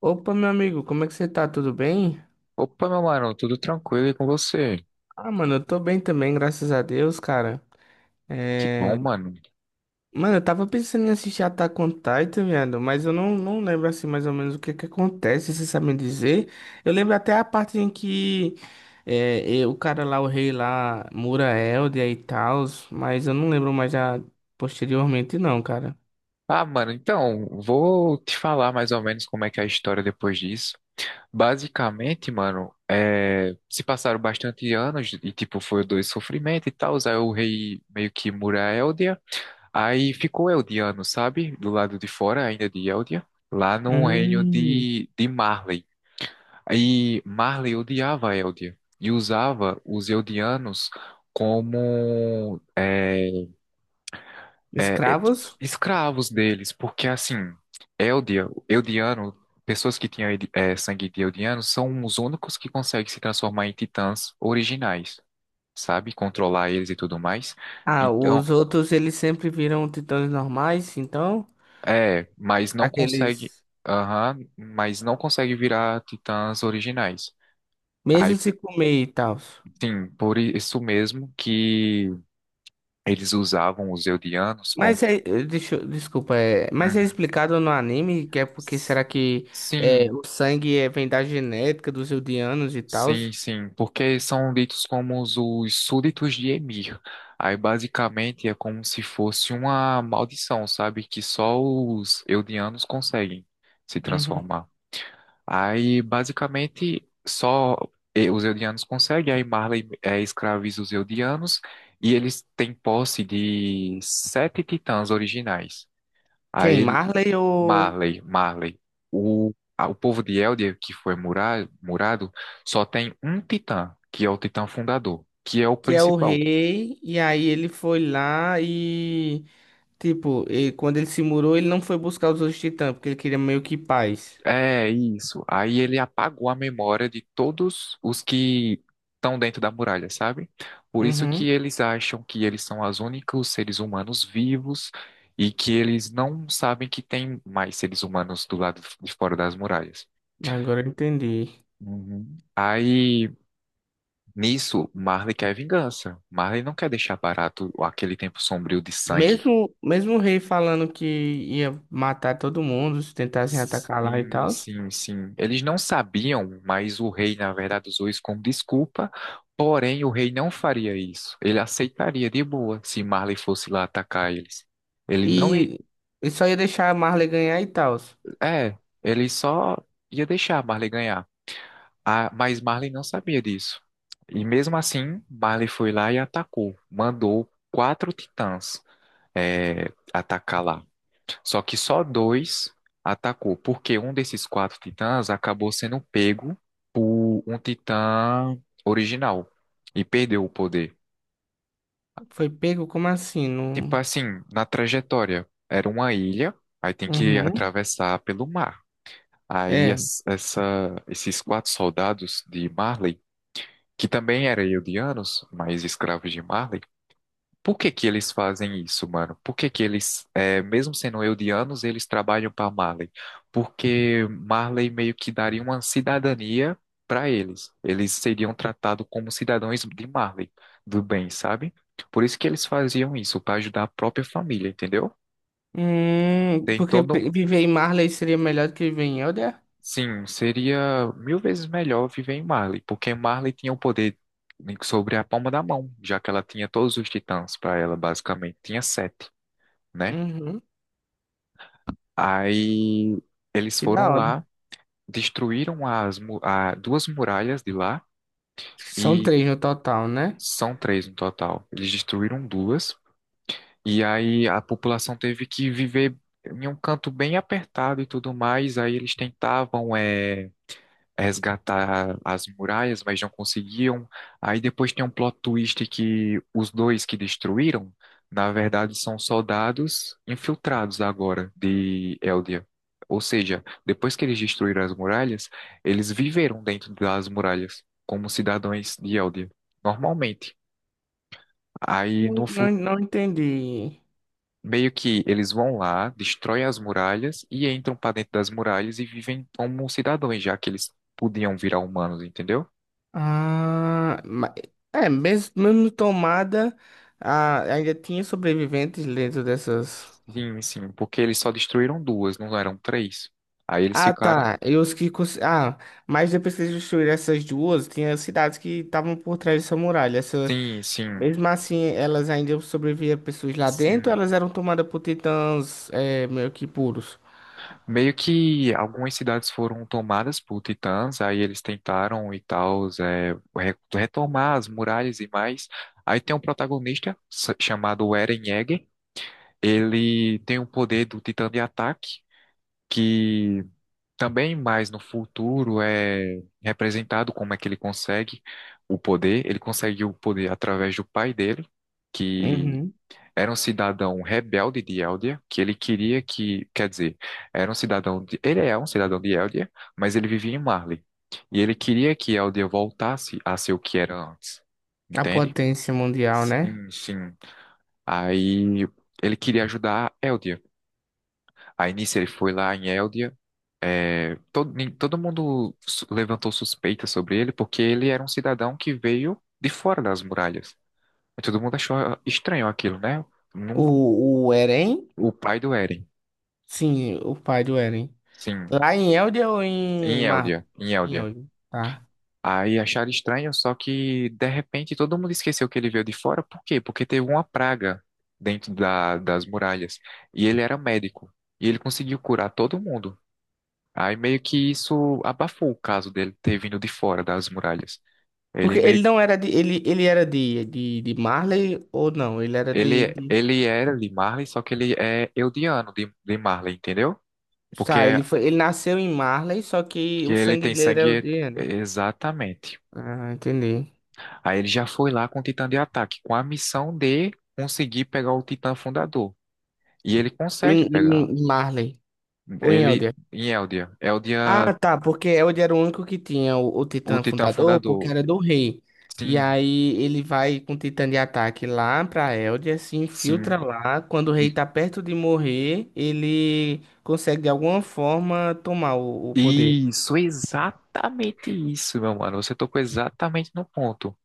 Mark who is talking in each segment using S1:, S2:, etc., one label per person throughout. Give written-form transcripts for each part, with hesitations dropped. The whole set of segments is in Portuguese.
S1: Opa, meu amigo, como é que você tá? Tudo bem?
S2: Opa, meu mano, tudo tranquilo e com você?
S1: Ah, mano, eu tô bem também, graças a Deus, cara.
S2: Que bom,
S1: É...
S2: mano.
S1: Mano, eu tava pensando em assistir Attack on Titan, viado, mas eu não lembro assim mais ou menos o que que acontece. Vocês sabem dizer? Eu lembro até a parte em que o cara lá, o rei lá, Mura Eldia e tal, mas eu não lembro mais já posteriormente não, cara.
S2: Ah, mano, então, vou te falar mais ou menos como é que é a história depois disso. Basicamente, mano, se passaram bastante anos e, tipo, foi dois sofrimentos e tal. Aí o rei meio que mura a Eldia. Aí ficou Eldiano, sabe? Do lado de fora ainda de Eldia. Lá no reino
S1: Hum.
S2: de Marley. Aí Marley odiava a Eldia e usava os Eldianos como é, é,
S1: Escravos?
S2: escravos deles, porque assim, Eldia, Eldiano, pessoas que tinham sangue de Eldiano são os únicos que conseguem se transformar em titãs originais, sabe? Controlar eles e tudo mais.
S1: Ah,
S2: Então,
S1: os outros eles sempre viram titãs normais, então?
S2: mas não consegue,
S1: Aqueles.
S2: aham, mas não consegue virar titãs originais.
S1: Mesmo
S2: Aí,
S1: se comer e tal.
S2: sim, por isso mesmo que eles usavam os Eldianos como.
S1: Mas desculpa, é, mas é
S2: Uhum.
S1: explicado no anime que é porque será que é,
S2: Sim,
S1: o sangue é, vem da genética dos Eldianos e tal?
S2: sim, sim, porque são ditos como os súditos de Emir. Aí basicamente é como se fosse uma maldição, sabe? Que só os Eldianos conseguem se
S1: Uhum.
S2: transformar. Aí basicamente só os Eldianos conseguem, aí Marley escraviza os Eldianos e eles têm posse de sete titãs originais.
S1: Quem?
S2: Aí
S1: Marley ou
S2: Marley, Marley. O povo de Eldia, que foi murado, só tem um titã, que é o titã fundador, que é o
S1: que é o
S2: principal.
S1: rei, e aí ele foi lá e tipo, e quando ele se murou, ele não foi buscar os outros titãs, porque ele queria meio que paz.
S2: É isso. Aí ele apagou a memória de todos os que estão dentro da muralha, sabe? Por isso que
S1: Uhum.
S2: eles acham que eles são os únicos seres humanos vivos e que eles não sabem que tem mais seres humanos do lado de fora das muralhas.
S1: Agora eu entendi.
S2: Uhum. Aí. Nisso, Marley quer vingança. Marley não quer deixar barato aquele tempo sombrio de sangue.
S1: Mesmo, mesmo o rei falando que ia matar todo mundo se tentassem atacar lá e
S2: Sim,
S1: tal.
S2: sim, sim. Eles não sabiam, mas o rei, na verdade, usou isso como desculpa. Porém, o rei não faria isso. Ele aceitaria de boa se Marley fosse lá atacar eles. Ele não ia.
S1: E e só ia deixar a Marley ganhar e tal.
S2: É, ele só ia deixar Marley ganhar. Ah, mas Marley não sabia disso. E mesmo assim, Marley foi lá e atacou. Mandou quatro titãs, atacar lá. Só que só dois atacou, porque um desses quatro titãs acabou sendo pego por um titã original e perdeu o poder.
S1: Foi pego? Como assim?
S2: Tipo
S1: Não...
S2: assim, na trajetória, era uma ilha, aí tem que
S1: Uhum.
S2: atravessar pelo mar. Aí
S1: É.
S2: esses quatro soldados de Marley, que também eram eldianos, mas escravos de Marley, por que que eles fazem isso, mano? Por que que eles, mesmo sendo eldianos, eles trabalham para Marley? Porque Marley meio que daria uma cidadania para eles. Eles seriam tratados como cidadãos de Marley, do bem, sabe? Por isso que eles faziam isso, para ajudar a própria família, entendeu? Tem
S1: Porque
S2: todo.
S1: pe- viver em Marley seria melhor do que viver em Elder?
S2: Sim, seria mil vezes melhor viver em Marley, porque Marley tinha o poder sobre a palma da mão, já que ela tinha todos os titãs para ela, basicamente. Tinha sete, né?
S1: Uhum.
S2: Aí eles
S1: Que da
S2: foram
S1: hora.
S2: lá, destruíram as duas muralhas de lá
S1: São
S2: e
S1: três no total, né?
S2: são três no total. Eles destruíram duas e aí a população teve que viver em um canto bem apertado e tudo mais. Aí eles tentavam resgatar as muralhas, mas não conseguiam. Aí depois tem um plot twist que os dois que destruíram, na verdade, são soldados infiltrados agora de Eldia. Ou seja, depois que eles destruíram as muralhas, eles viveram dentro das muralhas, como cidadãos de Eldia, normalmente. Aí no
S1: Não, não,
S2: futuro.
S1: não entendi.
S2: Meio que eles vão lá, destroem as muralhas e entram para dentro das muralhas e vivem como cidadãos, já que eles podiam virar humanos, entendeu?
S1: Ah, ma- é, mesmo, mesmo tomada, ah, ainda tinha sobreviventes dentro dessas.
S2: Sim, sim, porque eles só destruíram duas, não eram três. Aí eles
S1: Ah,
S2: ficaram.
S1: tá. E os que cons- ah, mas depois que eles destruíram essas duas, tinha cidades que estavam por trás dessa muralha. Essa...
S2: Sim, sim,
S1: Mesmo assim, elas ainda sobreviviam pessoas lá dentro,
S2: sim.
S1: elas eram tomadas por titãs é, meio que puros.
S2: Meio que algumas cidades foram tomadas por titãs, aí eles tentaram e tal, retomar as muralhas e mais. Aí tem um protagonista chamado Eren Yeager. Ele tem o poder do titã de ataque, que também mais no futuro é representado como é que ele consegue o poder. Ele consegue o poder através do pai dele, que
S1: Uhum.
S2: era um cidadão rebelde de Eldia, que ele queria que, quer dizer, era um cidadão de, ele é um cidadão de Eldia, mas ele vivia em Marley. E ele queria que Eldia voltasse a ser o que era antes.
S1: A
S2: Entende?
S1: potência mundial, né?
S2: Sim, sim. Aí ele queria ajudar Eldia. Aí nisso ele foi lá em Eldia, todo mundo levantou suspeita sobre ele porque ele era um cidadão que veio de fora das muralhas. E todo mundo achou estranho aquilo, né? Num-
S1: O Eren?
S2: o pai do Eren,
S1: Sim, o pai do Eren.
S2: sim,
S1: Lá em Eldia ou em
S2: em
S1: Marley?
S2: Eldia, em
S1: Em
S2: Eldia.
S1: Eldia, tá.
S2: Aí acharam estranho, só que de repente todo mundo esqueceu que ele veio de fora. Por quê? Porque teve uma praga dentro das muralhas. E ele era médico. E ele conseguiu curar todo mundo. Aí meio que isso abafou o caso dele ter vindo de fora das muralhas. Ele
S1: Porque ele
S2: meio
S1: não era de. Ele era de, de Marley ou não? Ele era
S2: Ele,
S1: de.
S2: ele era de Marley, só que ele é Eldiano de Marley, entendeu?
S1: Tá,
S2: Porque
S1: ele foi, ele nasceu em Marley, só que
S2: que
S1: o
S2: ele
S1: sangue
S2: tem
S1: dele era
S2: sangue,
S1: Elder, né?
S2: exatamente.
S1: Ah, entendi.
S2: Aí ele já foi lá com o Titã de ataque, com a missão de conseguir pegar o Titã fundador. E ele consegue
S1: Em,
S2: pegar.
S1: em Marley, ou em
S2: Ele
S1: Elder.
S2: em Eldia. Eldia,
S1: Ah, tá, porque Elder era o único que tinha o
S2: o
S1: Titã
S2: Titã
S1: fundador, porque
S2: fundador.
S1: era do rei. E
S2: Sim,
S1: aí ele vai com o Titã de ataque lá pra Elder, se
S2: sim.
S1: infiltra lá. Quando o rei
S2: E-
S1: tá perto de morrer, ele consegue de alguma forma tomar o poder.
S2: Isso, exatamente isso, meu mano. Você tocou exatamente no ponto.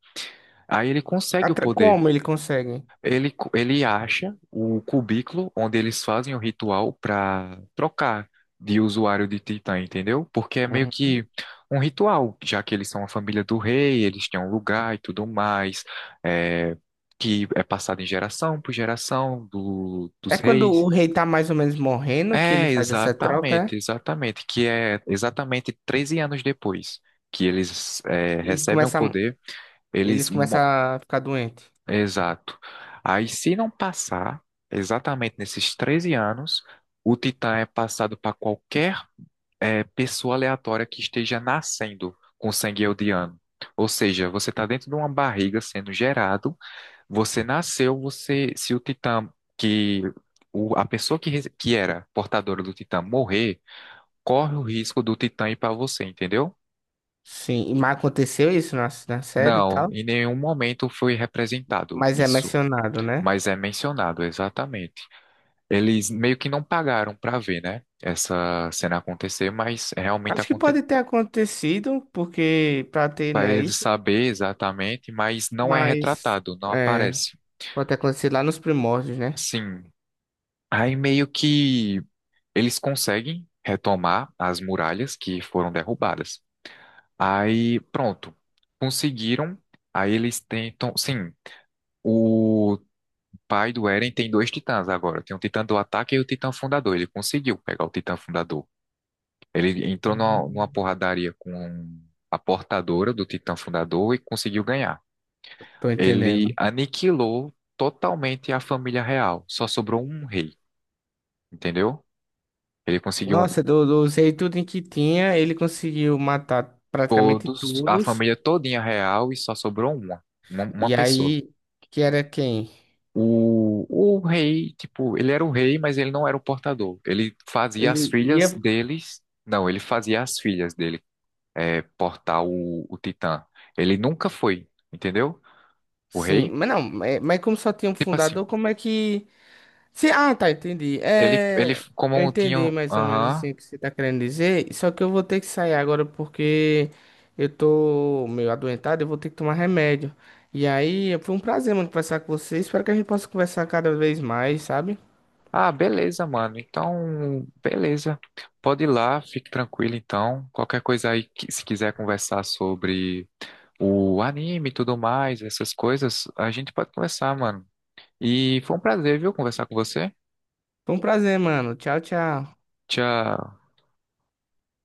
S2: Aí ele consegue o
S1: Atra-
S2: poder.
S1: como ele consegue?
S2: Ele acha o cubículo onde eles fazem o ritual para trocar de usuário de Titã, entendeu? Porque é meio
S1: Uhum.
S2: que um ritual, já que eles são a família do rei, eles têm um lugar e tudo mais, é, que é passado em geração por geração dos
S1: É quando
S2: reis.
S1: o rei tá mais ou menos morrendo que ele
S2: É,
S1: faz essa troca,
S2: exatamente,
S1: é?
S2: exatamente, que é exatamente 13 anos depois que eles
S1: Eles
S2: recebem o
S1: começam,
S2: poder, eles
S1: eles começam a ficar doentes.
S2: Exato. Aí, se não passar, exatamente nesses 13 anos, o Titã é passado para qualquer pessoa aleatória que esteja nascendo com sangue eldiano. Ou seja, você está dentro de uma barriga sendo gerado, você nasceu, se o Titã que a pessoa que era portadora do Titã morrer, corre o risco do Titã ir para você, entendeu?
S1: Sim, e mas aconteceu isso na, na série e
S2: Não,
S1: tal,
S2: em nenhum momento foi representado
S1: mas é
S2: isso,
S1: mencionado, né?
S2: mas é mencionado, eles meio que não pagaram para ver, né? Essa cena acontecer, mas realmente
S1: Acho que
S2: aconteceu.
S1: pode ter acontecido, porque pra ter,
S2: Para
S1: né,
S2: eles
S1: isso,
S2: saber exatamente, mas não é
S1: mas
S2: retratado, não
S1: é,
S2: aparece.
S1: pode ter acontecido lá nos primórdios, né?
S2: Sim. Aí meio que eles conseguem retomar as muralhas que foram derrubadas. Aí, pronto. Conseguiram. Aí eles tentam. Sim, o pai do Eren tem dois titãs agora. Tem o titã do ataque e o titã fundador. Ele conseguiu pegar o titã fundador. Ele entrou numa
S1: Uhum.
S2: porradaria com a portadora do Titã Fundador e conseguiu ganhar.
S1: Tô
S2: Ele
S1: entendendo.
S2: aniquilou totalmente a família real. Só sobrou um rei, entendeu? Ele conseguiu
S1: Nossa, do, do usei tudo em que tinha, ele conseguiu matar praticamente
S2: todos, a
S1: todos.
S2: família todinha real e só sobrou uma
S1: E
S2: pessoa.
S1: aí, que era quem?
S2: O rei, tipo, ele era o rei, mas ele não era o portador. Ele fazia as
S1: Ele
S2: filhas
S1: ia.
S2: deles, não, ele fazia as filhas dele portar o Titã. Ele nunca foi, entendeu? O
S1: Sim,
S2: rei.
S1: mas não, mas como só tinha um
S2: Tipo assim,
S1: fundador, como é que. Se, ah, tá, entendi.
S2: ele
S1: É,
S2: como
S1: eu
S2: um
S1: entendi
S2: tinha.
S1: mais ou menos
S2: Aham.
S1: assim o que você tá querendo dizer, só que eu vou ter que sair agora porque eu tô meio adoentado, eu vou ter que tomar remédio. E aí, foi um prazer, mano, conversar com você. Espero que a gente possa conversar cada vez mais, sabe?
S2: Ah, beleza, mano. Então, beleza. Pode ir lá, fique tranquilo então. Qualquer coisa aí, se quiser conversar sobre o anime e tudo mais, essas coisas, a gente pode conversar, mano. E foi um prazer, viu, conversar com você.
S1: Foi um prazer, mano. Tchau, tchau.
S2: Tchau.